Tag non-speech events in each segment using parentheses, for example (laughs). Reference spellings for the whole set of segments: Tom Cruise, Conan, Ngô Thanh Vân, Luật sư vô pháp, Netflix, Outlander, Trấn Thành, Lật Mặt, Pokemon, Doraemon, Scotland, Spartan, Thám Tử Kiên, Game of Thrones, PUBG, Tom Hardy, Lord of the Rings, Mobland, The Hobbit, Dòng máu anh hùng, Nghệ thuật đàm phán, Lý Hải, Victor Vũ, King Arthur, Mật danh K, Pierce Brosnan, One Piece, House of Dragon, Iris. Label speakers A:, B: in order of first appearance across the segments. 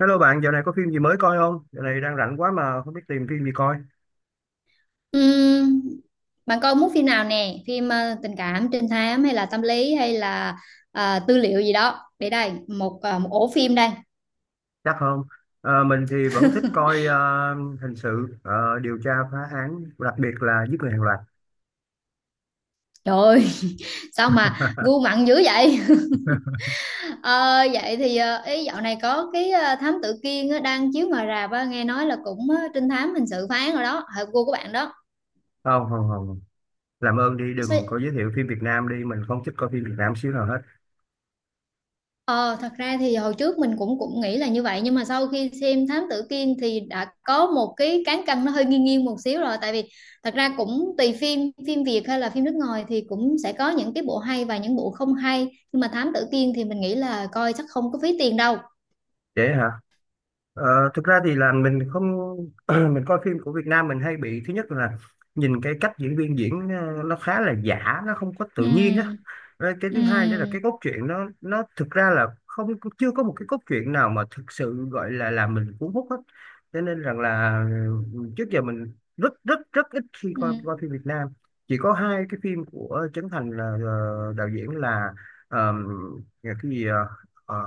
A: Hello bạn, dạo này có phim gì mới coi không? Dạo này đang rảnh quá mà không biết tìm phim gì coi.
B: Ừm, bạn coi muốn phim nào nè, phim tình cảm, trinh thám hay là tâm lý hay là tư liệu gì đó, để đây một ổ phim đây.
A: Chắc không? Mình thì vẫn thích coi hình sự, điều tra phá án, đặc biệt là giết người hàng loạt.
B: Trời ơi! (laughs) Sao mà
A: (laughs)
B: gu mặn dữ vậy! (laughs) Ờ, vậy thì ý dạo này có cái thám tử Kiên á, đang chiếu ngoài rạp á, nghe nói là cũng trinh thám hình sự phán rồi đó, hợp gu của bạn đó.
A: Không, không, không. Làm ơn đi, đừng có
B: Sao?
A: giới thiệu phim Việt Nam đi. Mình không thích coi phim Việt Nam xíu nào hết.
B: Ờ, thật ra thì hồi trước mình cũng cũng nghĩ là như vậy, nhưng mà sau khi xem Thám Tử Kiên thì đã có một cái cán cân nó hơi nghiêng nghiêng một xíu rồi, tại vì thật ra cũng tùy phim, phim Việt hay là phim nước ngoài thì cũng sẽ có những cái bộ hay và những bộ không hay, nhưng mà Thám Tử Kiên thì mình nghĩ là coi chắc không có phí tiền đâu.
A: Dễ hả? Ờ, Thực ra thì là mình không. (clears throat) Mình coi phim của Việt Nam mình hay bị. Thứ nhất là nhìn cái cách diễn viên diễn, nó khá là giả, nó không có tự nhiên á.
B: Ừm.
A: Rồi cái thứ hai nữa là cái
B: Ừm.
A: cốt truyện nó thực ra là không, chưa có một cái cốt truyện nào mà thực sự gọi là làm mình cuốn hút hết. Cho nên rằng là, ừ, trước giờ mình rất rất rất ít khi coi
B: Ừm.
A: coi phim Việt Nam. Chỉ có hai cái phim của Trấn Thành là, đạo diễn là, ờm, cái gì, ờ,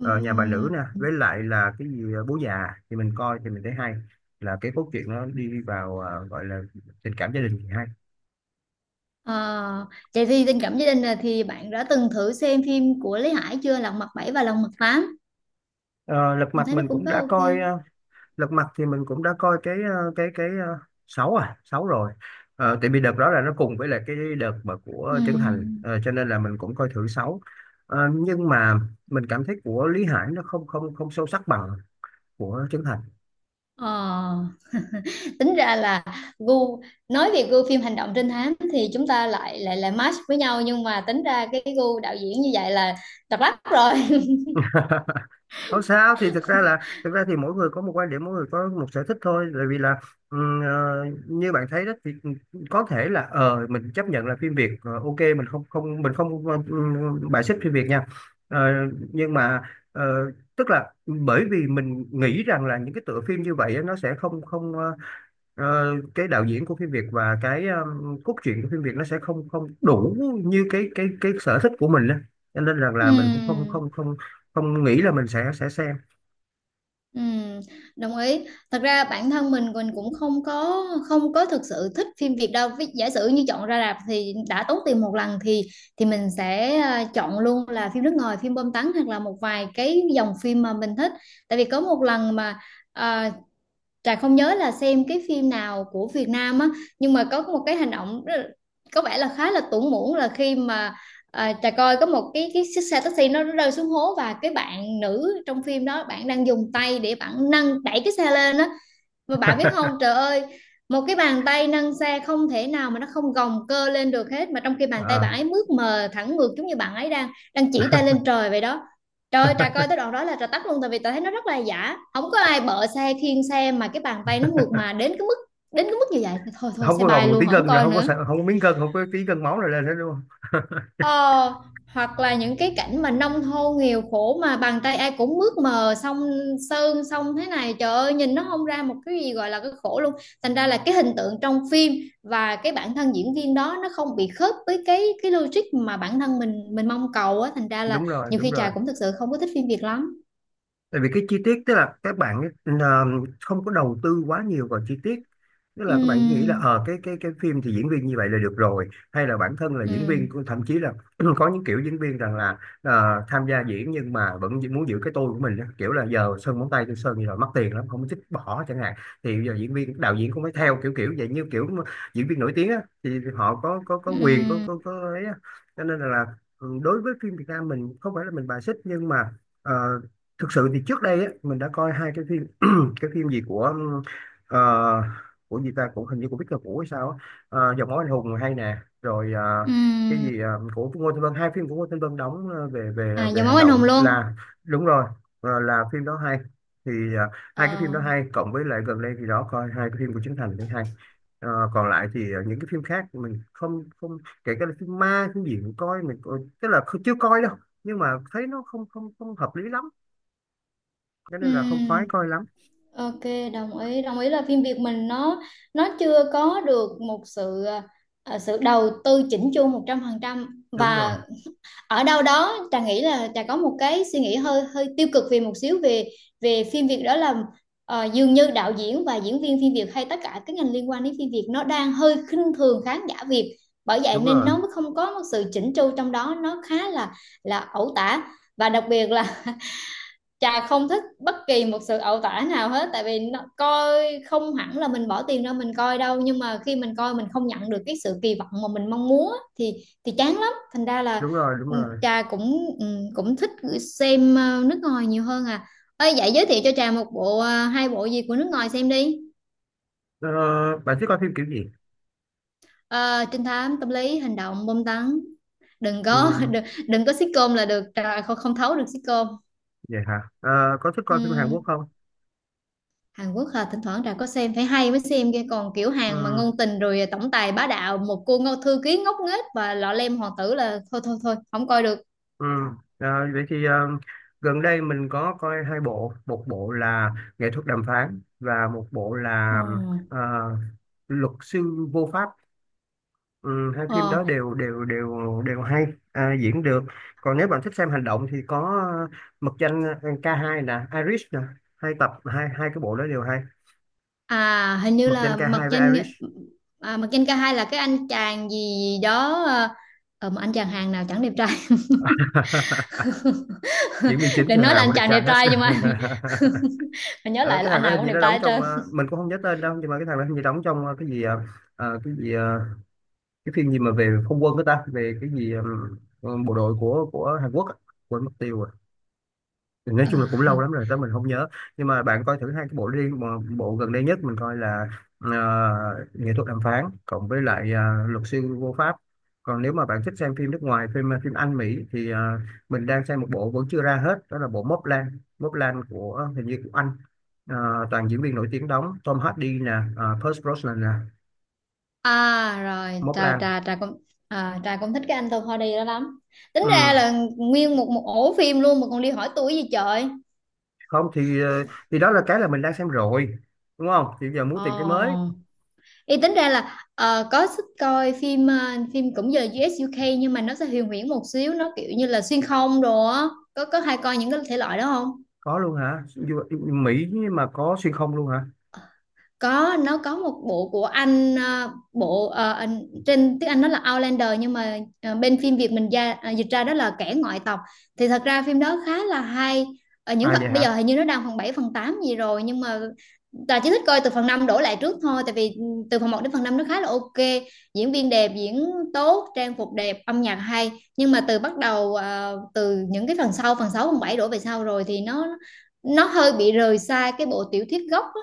A: ờ, Nhà Bà Nữ nè,
B: Ừm.
A: với lại là cái gì, Bố Già thì mình coi thì mình thấy hay. Là cái cốt truyện nó đi vào, gọi là tình cảm gia đình thì hay.
B: Ờ, vậy thì tình cảm gia đình là thì bạn đã từng thử xem phim của Lý Hải chưa, Lật Mặt bảy và Lật Mặt tám?
A: Ờ, Lật
B: Mình
A: Mặt
B: thấy nó
A: mình
B: cũng
A: cũng
B: khá
A: đã
B: OK.
A: coi, lật mặt thì mình cũng đã coi cái, cái sáu, à, sáu rồi. Tại vì đợt đó là nó cùng với lại cái đợt mà của Trấn Thành.
B: Ừm.
A: Ờ, cho nên là mình cũng coi thử sáu. Nhưng mà mình cảm thấy của Lý Hải nó không không không sâu sắc bằng của Trấn Thành.
B: Ờ, tính ra là gu, nói về gu phim hành động trinh thám thì chúng ta lại lại lại match với nhau, nhưng mà tính ra cái gu đạo diễn như vậy là độc đáo rồi. (laughs)
A: (laughs) Không sao thì thực ra thì mỗi người có một quan điểm, mỗi người có một sở thích thôi, bởi vì là, như bạn thấy đó thì có thể là, mình chấp nhận là phim Việt, ok, mình không không mình không bài xích phim Việt nha. Ờ, nhưng mà, ờ, tức là bởi vì mình nghĩ rằng là những cái tựa phim như vậy á, nó sẽ không không cái đạo diễn của phim Việt và cái cốt truyện của phim Việt nó sẽ không không đủ như cái sở thích của mình á, cho nên rằng là mình cũng không
B: Ừm.
A: không không không nghĩ là mình sẽ xem.
B: Ừm. Đồng ý. Thật ra bản thân mình cũng không có thực sự thích phim Việt đâu. Giả sử như chọn ra rạp thì đã tốn tiền một lần thì mình sẽ chọn luôn là phim nước ngoài, phim bom tấn hoặc là một vài cái dòng phim mà mình thích. Tại vì có một lần mà ờ, Trà không nhớ là xem cái phim nào của Việt Nam á, nhưng mà có một cái hành động có vẻ là khá là tủn mủn, là khi mà Trà coi có một cái chiếc xe taxi nó rơi xuống hố, và cái bạn nữ trong phim đó bạn đang dùng tay để bạn nâng đẩy cái xe lên á. Và bạn biết không,
A: (laughs)
B: trời ơi, một cái bàn tay nâng xe không thể nào mà nó không gồng cơ lên được hết, mà trong khi bàn tay
A: Ờ.
B: bạn ấy mướt mờ thẳng ngược, giống như bạn ấy đang đang chỉ tay lên trời vậy đó. Trời ơi, trà coi
A: (laughs)
B: tới đoạn đó là trà tắt luôn, tại vì trà thấy nó rất là giả. Không có ai bợ xe khiêng xe mà cái bàn tay nó mượt mà đến cái mức như vậy. Thôi thôi
A: Không
B: xe
A: có gồng
B: bay
A: một tí
B: luôn, không
A: gân rồi,
B: coi
A: không có
B: nữa.
A: sợ, không có miếng gân, không có tí gân máu rồi lên hết luôn.
B: Ờ, hoặc là những cái cảnh mà nông thôn nghèo khổ mà bàn tay ai cũng mướt mờ, xong sơn xong thế này, trời ơi nhìn nó không ra một cái gì gọi là cái khổ luôn, thành ra là cái hình tượng trong phim và cái bản thân diễn viên đó nó không bị khớp với cái logic mà bản thân mình mong cầu á, thành ra là
A: Đúng rồi,
B: nhiều
A: đúng
B: khi Trà
A: rồi.
B: cũng thực sự không có thích phim Việt lắm.
A: Tại vì cái chi tiết, tức là các bạn, ờ, không có đầu tư quá nhiều vào chi tiết, tức là các bạn nghĩ là,
B: Ừm.
A: cái phim thì diễn viên như vậy là được rồi, hay là bản thân là diễn viên
B: Ừm.
A: thậm chí là. (clears throat) Có những kiểu diễn viên rằng là, tham gia diễn nhưng mà vẫn muốn giữ cái tôi của mình á. Kiểu là giờ sơn móng tay tôi sơn như rồi mất tiền lắm không thích bỏ chẳng hạn, thì giờ diễn viên đạo diễn cũng phải theo kiểu kiểu vậy, như kiểu mà diễn viên nổi tiếng á thì họ có quyền, có
B: Ừm.
A: có có ấy á. Cho nên là, ừ, đối với phim Việt Nam mình không phải là mình bài xích nhưng mà, ờ, thực sự thì trước đây á, mình đã coi hai cái phim. (clears throat) Cái phim gì của, ờ, của gì ta, cũng hình như của Victor Vũ hay sao á. Dòng Máu Anh Hùng hay nè. Rồi, cái
B: Ừm.
A: gì, của Ngô Thanh Vân, hai phim của Ngô Thanh Vân đóng, về về
B: À,
A: về
B: dòng
A: hành
B: máu anh hùng
A: động
B: luôn.
A: là đúng rồi, là phim đó hay. Thì, hai cái phim
B: Ờ.
A: đó hay, cộng với lại gần đây thì đó, coi hai cái phim của Trấn Thành thấy hay. Còn lại thì, những cái phim khác mình không không, kể cả là phim ma phim gì, mình coi, tức là chưa coi đâu. Nhưng mà thấy nó không không không hợp lý lắm. Thế nên là không khoái
B: Ừm.
A: coi lắm.
B: OK, đồng ý. Đồng ý là phim Việt mình nó chưa có được một sự sự đầu tư chỉnh chu 100%,
A: Đúng rồi,
B: và ở đâu đó Trà nghĩ là Trà có một cái suy nghĩ hơi hơi tiêu cực về một xíu về về phim Việt, đó là dường như đạo diễn và diễn viên phim Việt hay tất cả các ngành liên quan đến phim Việt nó đang hơi khinh thường khán giả Việt. Bởi vậy
A: đúng
B: nên
A: rồi,
B: nó mới không có một sự chỉnh chu trong đó, nó khá là ẩu tả, và đặc biệt là Trà không thích bất kỳ một sự ẩu tả nào hết, tại vì nó, coi không hẳn là mình bỏ tiền ra mình coi đâu, nhưng mà khi mình coi mình không nhận được cái sự kỳ vọng mà mình mong muốn thì thì chán lắm, thành ra
A: đúng
B: là
A: rồi, đúng
B: ừ,
A: rồi.
B: Trà cũng cũng thích xem nước ngoài nhiều hơn à. Ơi, vậy giới thiệu cho Trà một bộ hai bộ gì của nước ngoài xem đi.
A: Ờ, Bạn thích coi phim kiểu gì?
B: Ờ, trinh thám, tâm lý, hành động, bom tấn, đừng có (laughs)
A: Ừ,
B: đừng có sitcom là được, Trà không không thấu được sitcom.
A: vậy hả? Ờ, có thích coi phim Hàn
B: Ừ.
A: Quốc không?
B: Hàn Quốc hả, thỉnh thoảng Trà có xem phải hay mới xem kia, còn kiểu
A: Ừ,
B: Hàn mà ngôn tình rồi tổng tài bá đạo một cô ngô thư ký ngốc nghếch và lọ lem hoàng tử là thôi thôi thôi không coi được.
A: ừ. Ờ, Vậy thì, gần đây mình có coi hai bộ. Một bộ là Nghệ Thuật Đàm Phán và một bộ
B: Ờ.
A: là, ờ, Luật Sư Vô Pháp. Ừ, hai phim
B: Ờ.
A: đó đều đều đều đều hay. À, diễn được. Còn nếu bạn thích xem hành động thì có, ờ, Mật Danh, k hai nè, Iris nè. Hai tập, hai hai cái bộ đó đều hay.
B: À, hình như
A: Mộc Danh
B: là
A: Ca
B: Mật
A: Hai với
B: Danh.
A: Irish.
B: À, Mật Danh K2 là cái anh chàng gì đó. À, mà anh chàng Hàn nào chẳng đẹp trai.
A: (laughs) Diễn viên
B: (laughs)
A: chính
B: Để
A: thì thằng
B: nói là
A: nào
B: anh
A: cũng đẹp
B: chàng
A: trai
B: đẹp
A: hết.
B: trai nhưng mà (laughs) mà
A: (laughs)
B: nhớ
A: Ờ,
B: lại
A: cái
B: là
A: thằng
B: anh
A: đó
B: nào
A: hình
B: cũng
A: như
B: đẹp
A: nó
B: trai
A: đóng
B: hết
A: trong,
B: trơn.
A: mình cũng không nhớ tên đâu, nhưng mà cái thằng đó hình như đóng trong, cái gì, cái gì, cái phim gì mà về không quân của ta, về cái gì, bộ đội của Hàn Quốc á. Quên mất tiêu. Nói chung
B: Ờ.
A: là cũng lâu lắm rồi tới mình không nhớ. Nhưng mà bạn coi thử hai cái bộ đi mà. Bộ gần đây nhất mình coi là, ờ, Nghệ Thuật Đàm Phán cộng với lại, Luật Sư Vô Pháp. Còn nếu mà bạn thích xem phim nước ngoài, phim, phim Anh Mỹ thì, mình đang xem một bộ vẫn chưa ra hết, đó là bộ Mobland Lan Móc Lan của, hình như của Anh. Toàn diễn viên nổi tiếng đóng. Tom Hardy nè, Pierce Brosnan nè.
B: À rồi,
A: Móc
B: trà
A: Lan.
B: trà trà cũng trà cũng thích cái anh Topody đó lắm. Tính
A: Ừ.
B: ra là nguyên một một ổ phim luôn mà còn đi hỏi tuổi gì trời.
A: Không thì, thì đó là cái là mình đang xem rồi, đúng không? Thì giờ muốn tìm cái mới.
B: Ồ, ý tính ra là có thích coi phim phim cũng giờ UK nhưng mà nó sẽ huyền huyễn một xíu, nó kiểu như là xuyên không đồ á. Có hay coi những cái thể loại đó không?
A: Có luôn hả? Mỹ mà có xuyên không luôn hả?
B: Có, nó có một bộ của anh bộ anh, trên tiếng Anh nó là Outlander nhưng mà bên phim Việt mình ra dịch ra đó là kẻ ngoại tộc, thì thật ra phim đó khá là hay ở những
A: À
B: phần,
A: vậy
B: bây giờ
A: hả?
B: hình như nó đang phần 7 phần 8 gì rồi nhưng mà Tà chỉ thích coi từ phần 5 đổ lại trước thôi, tại vì từ phần một đến phần 5 nó khá là OK, diễn viên đẹp, diễn tốt, trang phục đẹp, âm nhạc hay, nhưng mà từ bắt đầu từ những cái phần sau phần 6 phần 7 đổ về sau rồi thì nó hơi bị rời xa cái bộ tiểu thuyết gốc á,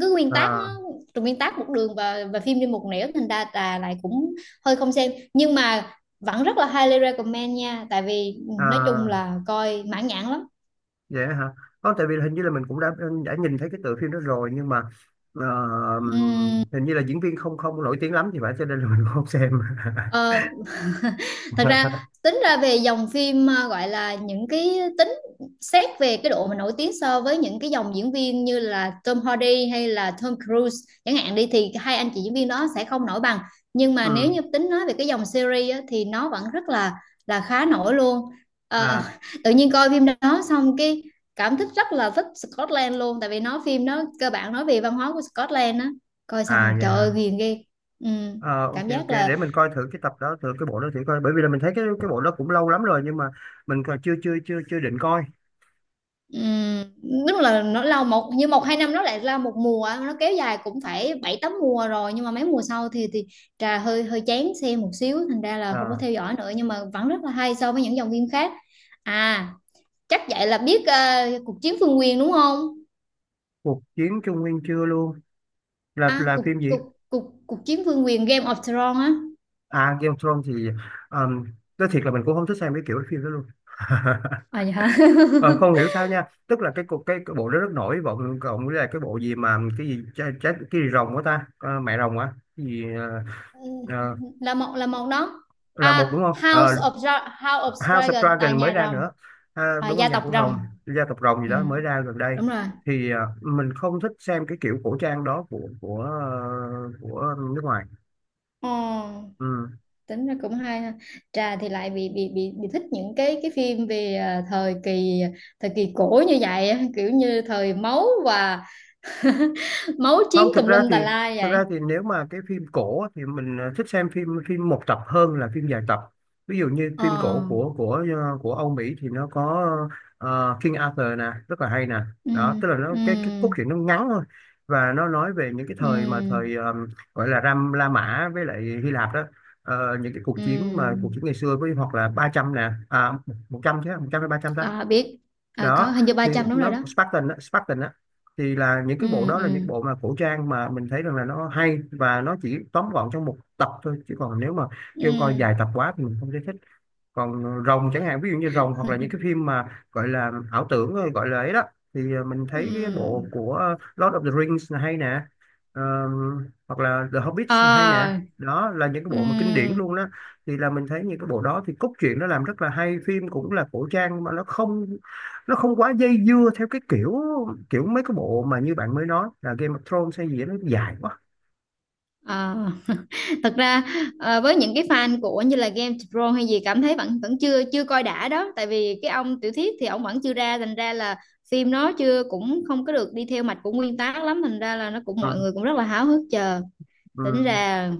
B: cái nguyên tác
A: À.
B: nó, từ nguyên tác một đường và phim đi một nẻo, thành ra là lại cũng hơi không xem, nhưng mà vẫn rất là highly recommend nha, tại vì nói chung
A: À
B: là coi mãn nhãn lắm.
A: vậy hả? Không, tại vì hình như là mình cũng đã nhìn thấy cái tựa phim đó rồi nhưng mà, ờ,
B: Ừm,
A: hình như là diễn viên không không nổi tiếng lắm thì phải, cho nên là mình cũng không xem.
B: ờ, (laughs) thật ra
A: (laughs)
B: tính ra về dòng phim, gọi là những cái tính, xét về cái độ mà nổi tiếng so với những cái dòng diễn viên như là Tom Hardy hay là Tom Cruise chẳng hạn đi thì hai anh chị diễn viên đó sẽ không nổi bằng, nhưng mà
A: Ừ.
B: nếu như tính nói về cái dòng series á, thì nó vẫn rất là khá nổi luôn. Ờ,
A: À,
B: (laughs) tự nhiên coi phim đó xong cái cảm thích rất là thích Scotland luôn, tại vì nó phim nó cơ bản nói về văn hóa của Scotland á, coi
A: à
B: xong
A: vậy
B: trời ơi
A: hả?
B: ghiền ghê. ừ,
A: Ờ, ok
B: cảm
A: ok,
B: giác
A: để
B: là.
A: mình coi thử cái tập đó, thử cái bộ đó thử coi, bởi vì là mình thấy cái bộ đó cũng lâu lắm rồi nhưng mà mình còn chưa chưa chưa chưa định coi.
B: Ừm, đúng là nó lâu một như một hai năm nó lại là một mùa, nó kéo dài cũng phải bảy tám mùa rồi nhưng mà mấy mùa sau thì trà hơi hơi chán xem một xíu thành ra là không có
A: À,
B: theo dõi nữa, nhưng mà vẫn rất là hay so với những dòng phim khác. À, chắc vậy là biết cuộc chiến phương quyền đúng không?
A: Cuộc Chiến Trung Nguyên chưa luôn, là
B: À,
A: là
B: cuộc
A: phim gì?
B: cuộc cuộc cuộc chiến phương quyền Game of Thrones á.
A: À, Game of Thrones thì, um, nói thiệt là mình cũng không thích xem cái kiểu phim đó luôn. (laughs)
B: À, dạ.
A: Ờ,
B: (laughs)
A: Không hiểu sao nha, tức là cái bộ đó rất nổi bộ, cộng với lại cái bộ gì mà cái gì trái, trái, cái gì rồng của ta. Ờ, Mẹ rồng á. Cái gì, ờ,
B: Là một, là một đó.
A: là một, đúng không? Ờ,
B: House of
A: House of
B: Dragon là
A: Dragon mới
B: nhà
A: ra nữa.
B: rồng.
A: À,
B: À,
A: đúng rồi,
B: gia
A: nhà
B: tộc
A: của
B: rồng.
A: rồng, gia tộc rồng gì
B: Ừ.
A: đó mới ra gần đây.
B: Đúng rồi.
A: Thì, mình không thích xem cái kiểu cổ trang đó của, của nước ngoài.
B: Ờ,
A: Ừ.
B: tính ra cũng hay ha. Trà thì lại bị thích những cái phim về thời kỳ cổ như vậy á, kiểu như thời máu và (laughs) máu chiến
A: Không, thực
B: tùm
A: ra
B: lum
A: thì
B: tà la
A: thực
B: vậy.
A: ra thì nếu mà cái phim cổ á, thì mình, thích xem phim phim một tập hơn là phim dài tập. Ví dụ như phim
B: Ờ.
A: cổ của, của Âu Mỹ thì nó có, King Arthur nè, rất là hay nè.
B: Ừ,
A: Đó tức là nó
B: ừ,
A: cái cốt truyện nó ngắn thôi, và nó nói về những cái thời mà
B: ừ,
A: thời, gọi là Ram La Mã với lại Hy Lạp đó. Những cái cuộc chiến mà cuộc
B: ừ.
A: chiến ngày xưa với, hoặc là 300 nè, à, 100 chứ, 100 hay 300 ta?
B: À, biết. À, có
A: Đó
B: hình như ba
A: thì
B: trăm đúng rồi
A: nó
B: đó.
A: Spartan á, Spartan á. Thì là những cái bộ
B: Ừ,
A: đó là
B: ừ,
A: những bộ mà cổ trang mà mình thấy rằng là nó hay, và nó chỉ tóm gọn trong một tập thôi, chứ còn nếu mà
B: ừ,
A: kêu coi dài tập quá thì mình không thấy thích. Còn rồng chẳng hạn, ví dụ như rồng hoặc là những cái phim mà gọi là ảo tưởng thôi, gọi là ấy đó, thì, mình thấy cái bộ
B: ừ.
A: của Lord of the Rings là hay nè. Hoặc là The Hobbit hay nè.
B: À,
A: Đó là những cái
B: ừ.
A: bộ mà kinh điển luôn đó. Thì là mình thấy những cái bộ đó thì cốt truyện nó làm rất là hay, phim cũng là cổ trang mà nó không quá dây dưa theo cái kiểu kiểu mấy cái bộ mà như bạn mới nói là Game of Thrones hay gì đó, nó dài quá.
B: Ờ, (laughs) thật ra với những cái fan của như là Game Pro hay gì cảm thấy vẫn vẫn chưa chưa coi đã đó, tại vì cái ông tiểu thuyết thì ông vẫn chưa ra thành ra là phim nó chưa cũng không có được đi theo mạch của nguyên tác lắm, thành ra là nó cũng
A: Ừ,
B: mọi người cũng rất là háo hức chờ. Tính
A: ừ.
B: ra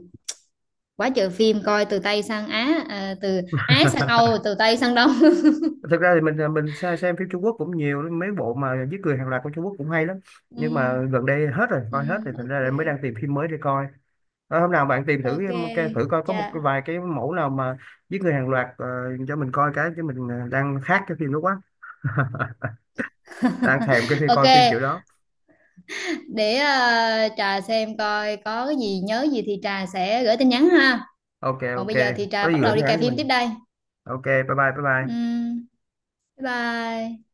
B: quá trời phim, coi từ Tây sang Á, từ Á sang Âu,
A: (laughs)
B: từ Tây sang Đông. (laughs)
A: Thực ra thì mình, à, mình xem phim Trung Quốc cũng nhiều, mấy bộ mà giết người hàng loạt của Trung Quốc cũng hay lắm. Nhưng
B: Ừ,
A: mà gần đây hết rồi,
B: ừ,
A: coi hết thì thành
B: OK,
A: ra là mới đang tìm phim mới để coi. Hôm nào bạn tìm thử
B: OK,
A: thử coi có một cái,
B: dạ.
A: vài cái mẫu nào mà giết người hàng loạt, cho mình coi cái, chứ mình, đang khát cái phim đó quá. (laughs)
B: (laughs)
A: Đang thèm cái phim,
B: OK,
A: coi phim kiểu đó.
B: để Trà xem coi có cái gì nhớ gì thì Trà sẽ gửi tin nhắn ha.
A: Ok
B: Còn
A: ok,
B: bây giờ thì Trà
A: có gì
B: bắt
A: gửi
B: đầu đi
A: nhắn
B: cài
A: cho
B: phim tiếp
A: mình.
B: đây.
A: Ok, bye bye, bye bye.
B: Ừm, bye bye.